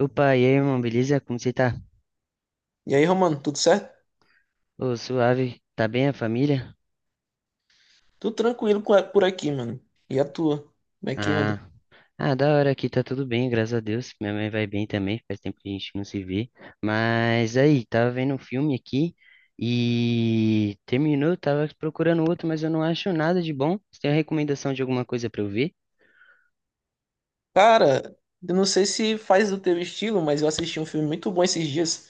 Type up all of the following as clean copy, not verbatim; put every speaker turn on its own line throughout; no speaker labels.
Opa, e aí, irmão, beleza? Como você tá?
E aí, Romano, tudo certo?
Ô, suave. Tá bem a família?
Tudo tranquilo por aqui, mano. E a tua? Como é que anda?
Ah, ah, da hora aqui, tá tudo bem, graças a Deus. Minha mãe vai bem também, faz tempo que a gente não se vê. Mas aí, tava vendo um filme aqui e terminou, tava procurando outro, mas eu não acho nada de bom. Você tem a recomendação de alguma coisa pra eu ver?
Cara, eu não sei se faz do teu estilo, mas eu assisti um filme muito bom esses dias,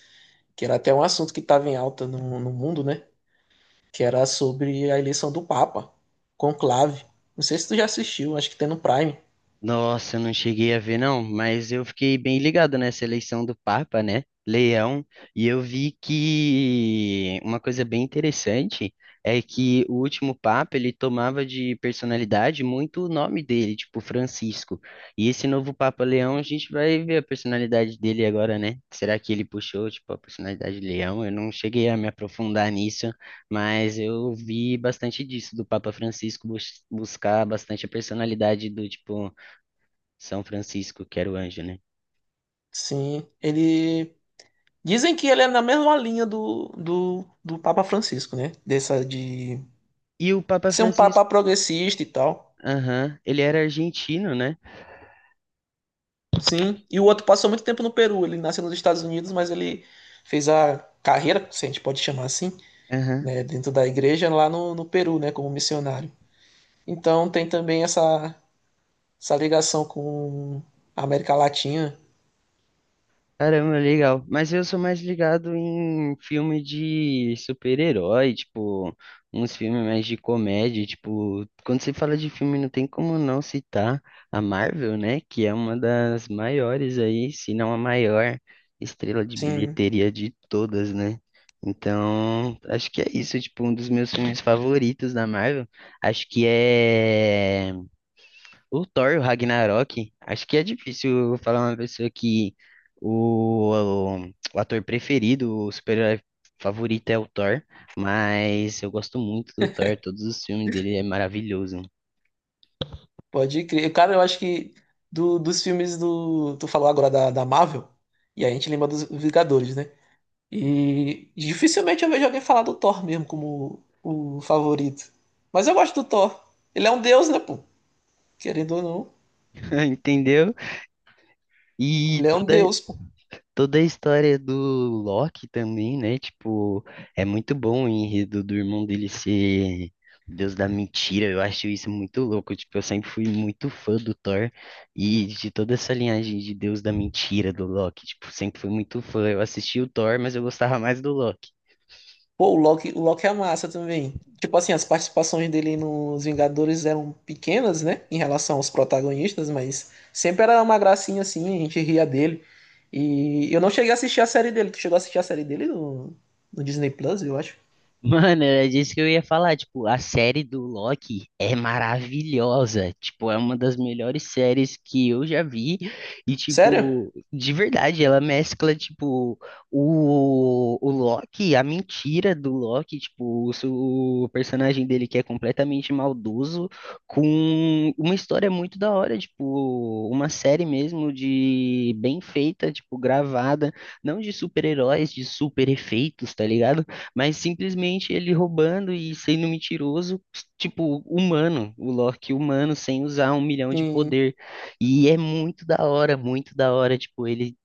que era até um assunto que estava em alta no mundo, né? Que era sobre a eleição do Papa, conclave. Não sei se tu já assistiu, acho que tem no Prime.
Nossa, eu não cheguei a ver, não, mas eu fiquei bem ligado nessa eleição do Papa, né? Leão, e eu vi que uma coisa bem interessante é que o último Papa ele tomava de personalidade muito o nome dele, tipo Francisco. E esse novo Papa Leão, a gente vai ver a personalidade dele agora, né? Será que ele puxou, tipo, a personalidade de Leão? Eu não cheguei a me aprofundar nisso, mas eu vi bastante disso do Papa Francisco buscar bastante a personalidade do tipo são Francisco, que era o anjo, né?
Sim, ele. Dizem que ele é na mesma linha do Papa Francisco, né? Dessa de
E o Papa
ser um papa
Francisco,
progressista e tal.
aham, ele era argentino, né?
Sim, e o outro passou muito tempo no Peru. Ele nasceu nos Estados Unidos, mas ele fez a carreira, se a gente pode chamar assim,
Aham.
né, dentro da igreja lá no Peru, né, como missionário. Então tem também essa ligação com a América Latina.
Caramba, legal. Mas eu sou mais ligado em filme de super-herói, tipo, uns filmes mais de comédia, tipo, quando você fala de filme não tem como não citar a Marvel, né? Que é uma das maiores aí, se não a maior estrela de
Sim,
bilheteria de todas, né? Então, acho que é isso, tipo, um dos meus filmes favoritos da Marvel. Acho que é o Thor, e o Ragnarok, acho que é difícil eu falar uma pessoa que o, o, o ator preferido, o super-herói favorito é o Thor, mas eu gosto muito do Thor, todos os filmes dele é maravilhoso,
pode crer. Cara, eu acho que do- dos filmes do. Tu falou agora da Marvel, e a gente lembra dos Vingadores, né? E dificilmente eu vejo alguém falar do Thor mesmo como o favorito. Mas eu gosto do Thor. Ele é um deus, né, pô? Querendo ou não,
entendeu? E
ele é um
toda,
deus, pô.
Toda a história do Loki também, né? Tipo, é muito bom o enredo do irmão dele ser o Deus da mentira. Eu acho isso muito louco. Tipo, eu sempre fui muito fã do Thor e de toda essa linhagem de Deus da mentira do Loki. Tipo, sempre fui muito fã. Eu assisti o Thor, mas eu gostava mais do Loki.
Pô, o Loki é massa também. Tipo assim, as participações dele nos Vingadores eram pequenas, né? Em relação aos protagonistas, mas sempre era uma gracinha assim, a gente ria dele. E eu não cheguei a assistir a série dele. Tu chegou a assistir a série dele no Disney Plus, eu acho.
Mano, era disso que eu ia falar. Tipo, a série do Loki é maravilhosa. Tipo, é uma das melhores séries que eu já vi. E,
Sério?
tipo, de verdade, ela mescla, tipo, o Loki, a mentira do Loki, tipo, o personagem dele que é completamente maldoso, com uma história muito da hora, tipo, uma série mesmo de bem feita, tipo, gravada, não de super-heróis, de super efeitos, tá ligado? Mas simplesmente ele roubando e sendo mentiroso, tipo, humano, o Loki humano, sem usar um milhão de
Sim.
poder. E é muito da hora, tipo, ele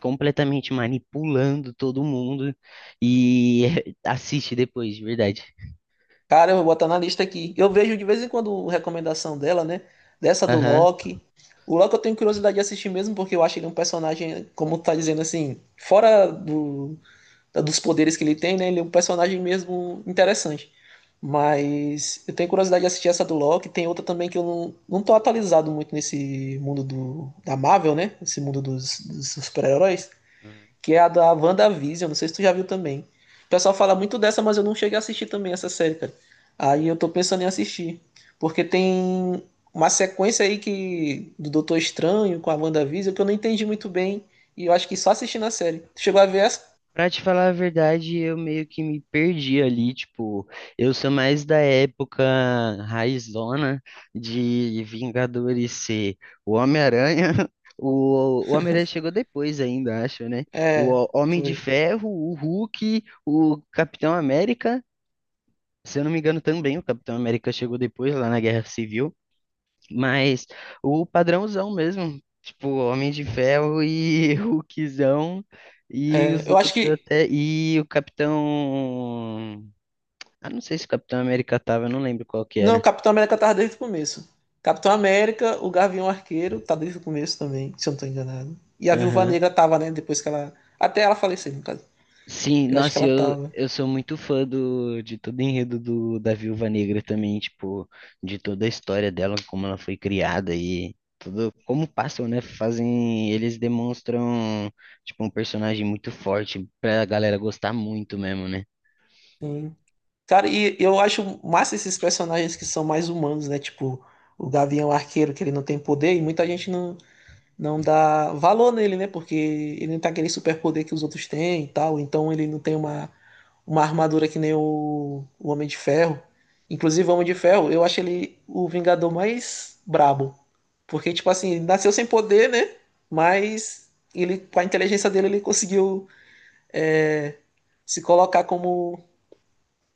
completamente manipulando todo mundo. E assiste depois, de verdade.
Cara, eu vou botar na lista aqui. Eu vejo de vez em quando recomendação dela, né? Dessa do
Aham.
Loki. O Loki eu tenho curiosidade de assistir mesmo, porque eu acho ele um personagem, como tu tá dizendo assim, dos poderes que ele tem, né? Ele é um personagem mesmo interessante. Mas eu tenho curiosidade de assistir essa do Loki. Tem outra também que eu não, não tô atualizado muito nesse mundo da Marvel, né? Esse mundo dos super-heróis.
Aham.
Que é a da WandaVision. Não sei se tu já viu também. O pessoal fala muito dessa, mas eu não cheguei a assistir também essa série, cara. Aí eu tô pensando em assistir. Porque tem uma sequência aí que do Doutor Estranho com a WandaVision que eu não entendi muito bem. E eu acho que só assistindo a série. Tu chegou a ver essa?
Pra te falar a verdade, eu meio que me perdi ali, tipo, eu sou mais da época raizona de Vingadores ser o Homem-Aranha, o Homem-Aranha chegou depois ainda, acho, né?
É,
Homem de
foi.
Ferro, o Hulk, o Capitão América, se eu não me engano também, o Capitão América chegou depois lá na Guerra Civil, mas o padrãozão mesmo, tipo, Homem de Ferro e Hulkzão e
É,
os
eu acho
outros
que.
até e o Capitão, ah, não sei se o Capitão América tava, eu não lembro qual que
Não,
era.
Capitão América tava desde o começo. Capitão América, o Gavião Arqueiro, tá desde o começo também, se eu não tô enganado. E a Viúva
Aham.
Negra tava, né? Depois que ela. Até ela falecer, no caso.
Sim,
Eu acho que
nossa,
ela
eu
tava.
eu sou muito fã do de todo o enredo do da Viúva Negra também, tipo, de toda a história dela, como ela foi criada e tudo, como passam, né? Fazem, eles demonstram tipo um personagem muito forte pra galera gostar muito mesmo, né?
Sim. Cara, e eu acho massa esses personagens que são mais humanos, né? Tipo, o Gavião Arqueiro, que ele não tem poder, e muita gente não dá valor nele, né? Porque ele não tem aquele superpoder que os outros têm e tal, então ele não tem uma armadura que nem o Homem de Ferro. Inclusive, o Homem de Ferro, eu acho ele o Vingador mais brabo. Porque, tipo assim, ele nasceu sem poder, né? Mas ele, com a inteligência dele, ele conseguiu se colocar como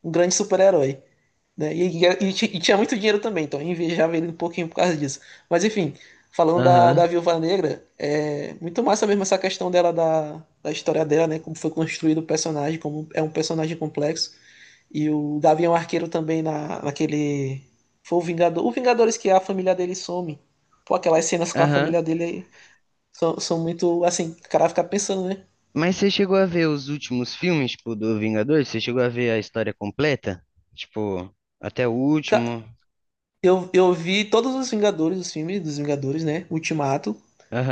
um grande super-herói. Né? E tinha muito dinheiro também, então eu invejava ele um pouquinho por causa disso. Mas enfim, falando da
Aham,
Viúva Negra, é muito massa mesmo essa questão da história dela, né? Como foi construído o personagem, como é um personagem complexo. E o Gavião Arqueiro também naquele. Foi o Vingador. O Vingadores que a família dele some. Pô, aquelas cenas com a
aham.
família dele aí são, são muito. Assim, o cara fica pensando, né?
Mas você chegou a ver os últimos filmes, tipo, do Vingadores? Você chegou a ver a história completa? Tipo, até o último?
Ca- eu vi todos os Vingadores, os filmes dos Vingadores, né? Ultimato.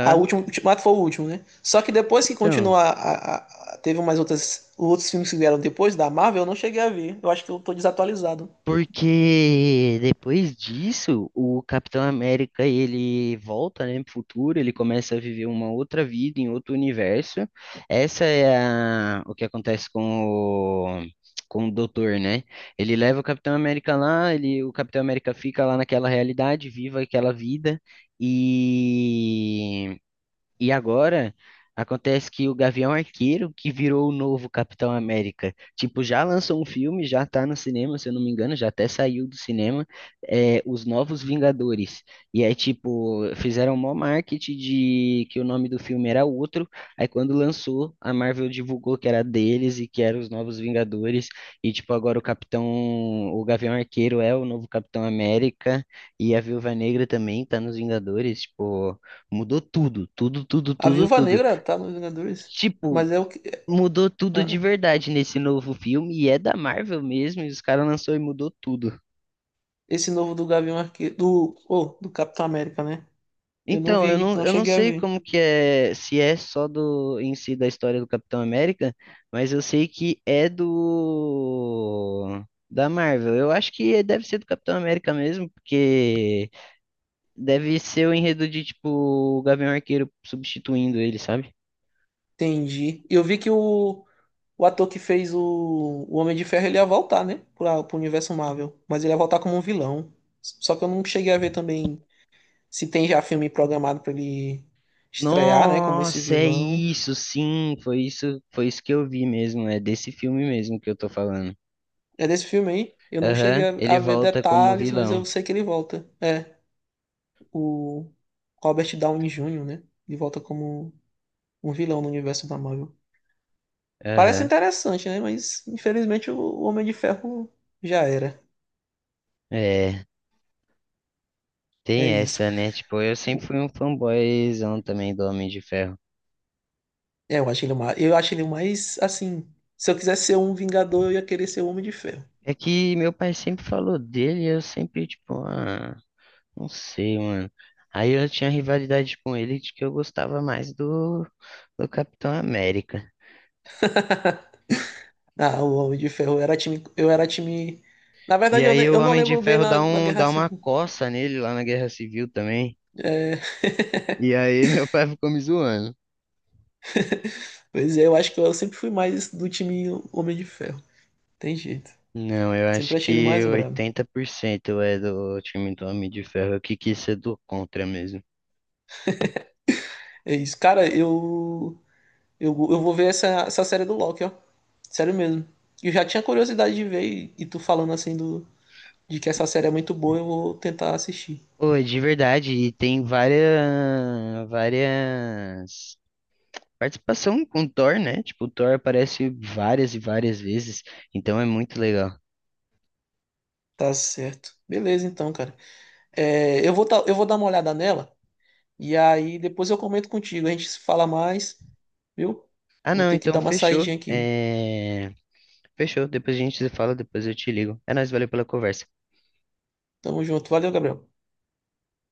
A última, Ultimato foi o último, né? Só que depois que
Então.
continuou teve mais outras outros filmes que vieram depois da Marvel, eu não cheguei a ver. Eu acho que eu tô desatualizado.
Porque depois disso, o Capitão América ele volta, né, pro futuro, ele começa a viver uma outra vida em outro universo. Essa é a, o que acontece com o Doutor, né? Ele leva o Capitão América lá, ele, o Capitão América fica lá naquela realidade, viva aquela vida e e agora acontece que o Gavião Arqueiro, que virou o novo Capitão América, tipo, já lançou um filme, já tá no cinema, se eu não me engano, já até saiu do cinema, é, Os Novos Vingadores. E aí, tipo, fizeram mó marketing de que o nome do filme era outro. Aí quando lançou, a Marvel divulgou que era deles e que eram os Novos Vingadores. E, tipo, o Gavião Arqueiro é o novo Capitão América, e a Viúva Negra também tá nos Vingadores, tipo. Mudou tudo, tudo, tudo,
A
tudo,
Viúva
tudo.
Negra tá nos Vingadores,
Tipo,
mas é o que é,
mudou tudo de
ah,
verdade nesse novo filme e é da Marvel mesmo, e os caras lançou e mudou tudo.
esse novo do Gavião Arqueiro, do Capitão América, né? Eu não
Então,
vi, não
eu não
cheguei a
sei
ver.
como que é, se é só do em si da história do Capitão América, mas eu sei que é do da Marvel. Eu acho que deve ser do Capitão América mesmo, porque deve ser o enredo de tipo o Gavião Arqueiro substituindo ele, sabe?
Entendi. Eu vi que o O ator que fez o Homem de Ferro, ele ia voltar, né? Pra, pro universo Marvel. Mas ele ia voltar como um vilão. Só que eu não cheguei a ver também se tem já filme programado pra ele estrear, né? Como esse
Nossa, é
vilão.
isso, sim, foi isso que eu vi mesmo, é desse filme mesmo que eu tô falando.
É desse filme aí. Eu não cheguei
Aham, ele
a ver
volta como
detalhes, mas eu
vilão.
sei que ele volta. É, o Robert Downey Jr., né? Ele volta como um vilão no universo da Marvel. Parece
Aham.
interessante, né? Mas infelizmente o Homem de Ferro já era.
É, tem
É isso.
essa, né? Tipo, eu sempre fui um fanboyzão também do Homem de Ferro.
Eu acho ele mais, assim, se eu quisesse ser um Vingador, eu ia querer ser o Homem de Ferro.
É que meu pai sempre falou dele, e eu sempre, tipo, ah, não sei, mano. Aí eu tinha rivalidade com ele de que eu gostava mais do, do Capitão América.
Ah, o Homem de Ferro eu era time, eu era time. Na
E
verdade,
aí o
eu não
Homem de
lembro bem
Ferro
na Guerra
dá uma
Civil.
coça nele lá na Guerra Civil também.
É...
E aí meu pai ficou me zoando.
Pois é, eu acho que eu sempre fui mais do time Homem de Ferro. Tem jeito.
Não, eu acho
Sempre achei ele
que
mais brabo.
80% é do time do Homem de Ferro. Eu que quis ser do contra mesmo.
É isso. Eu vou ver essa série do Loki, ó. Sério mesmo. Eu já tinha curiosidade de ver e tu falando assim de que essa série é muito boa, eu vou tentar assistir.
Pô, é de verdade, e tem várias, várias participação com o Thor, né? Tipo, o Thor aparece várias e várias vezes, então é muito legal.
Tá certo. Beleza, então, cara. Eu vou dar uma olhada nela e aí depois eu comento contigo. A gente se fala mais, viu?
Ah,
Vou
não,
ter que
então
dar uma
fechou.
saidinha aqui.
É... Fechou, depois a gente se fala, depois eu te ligo. É nóis, valeu pela conversa.
Tamo junto. Valeu, Gabriel.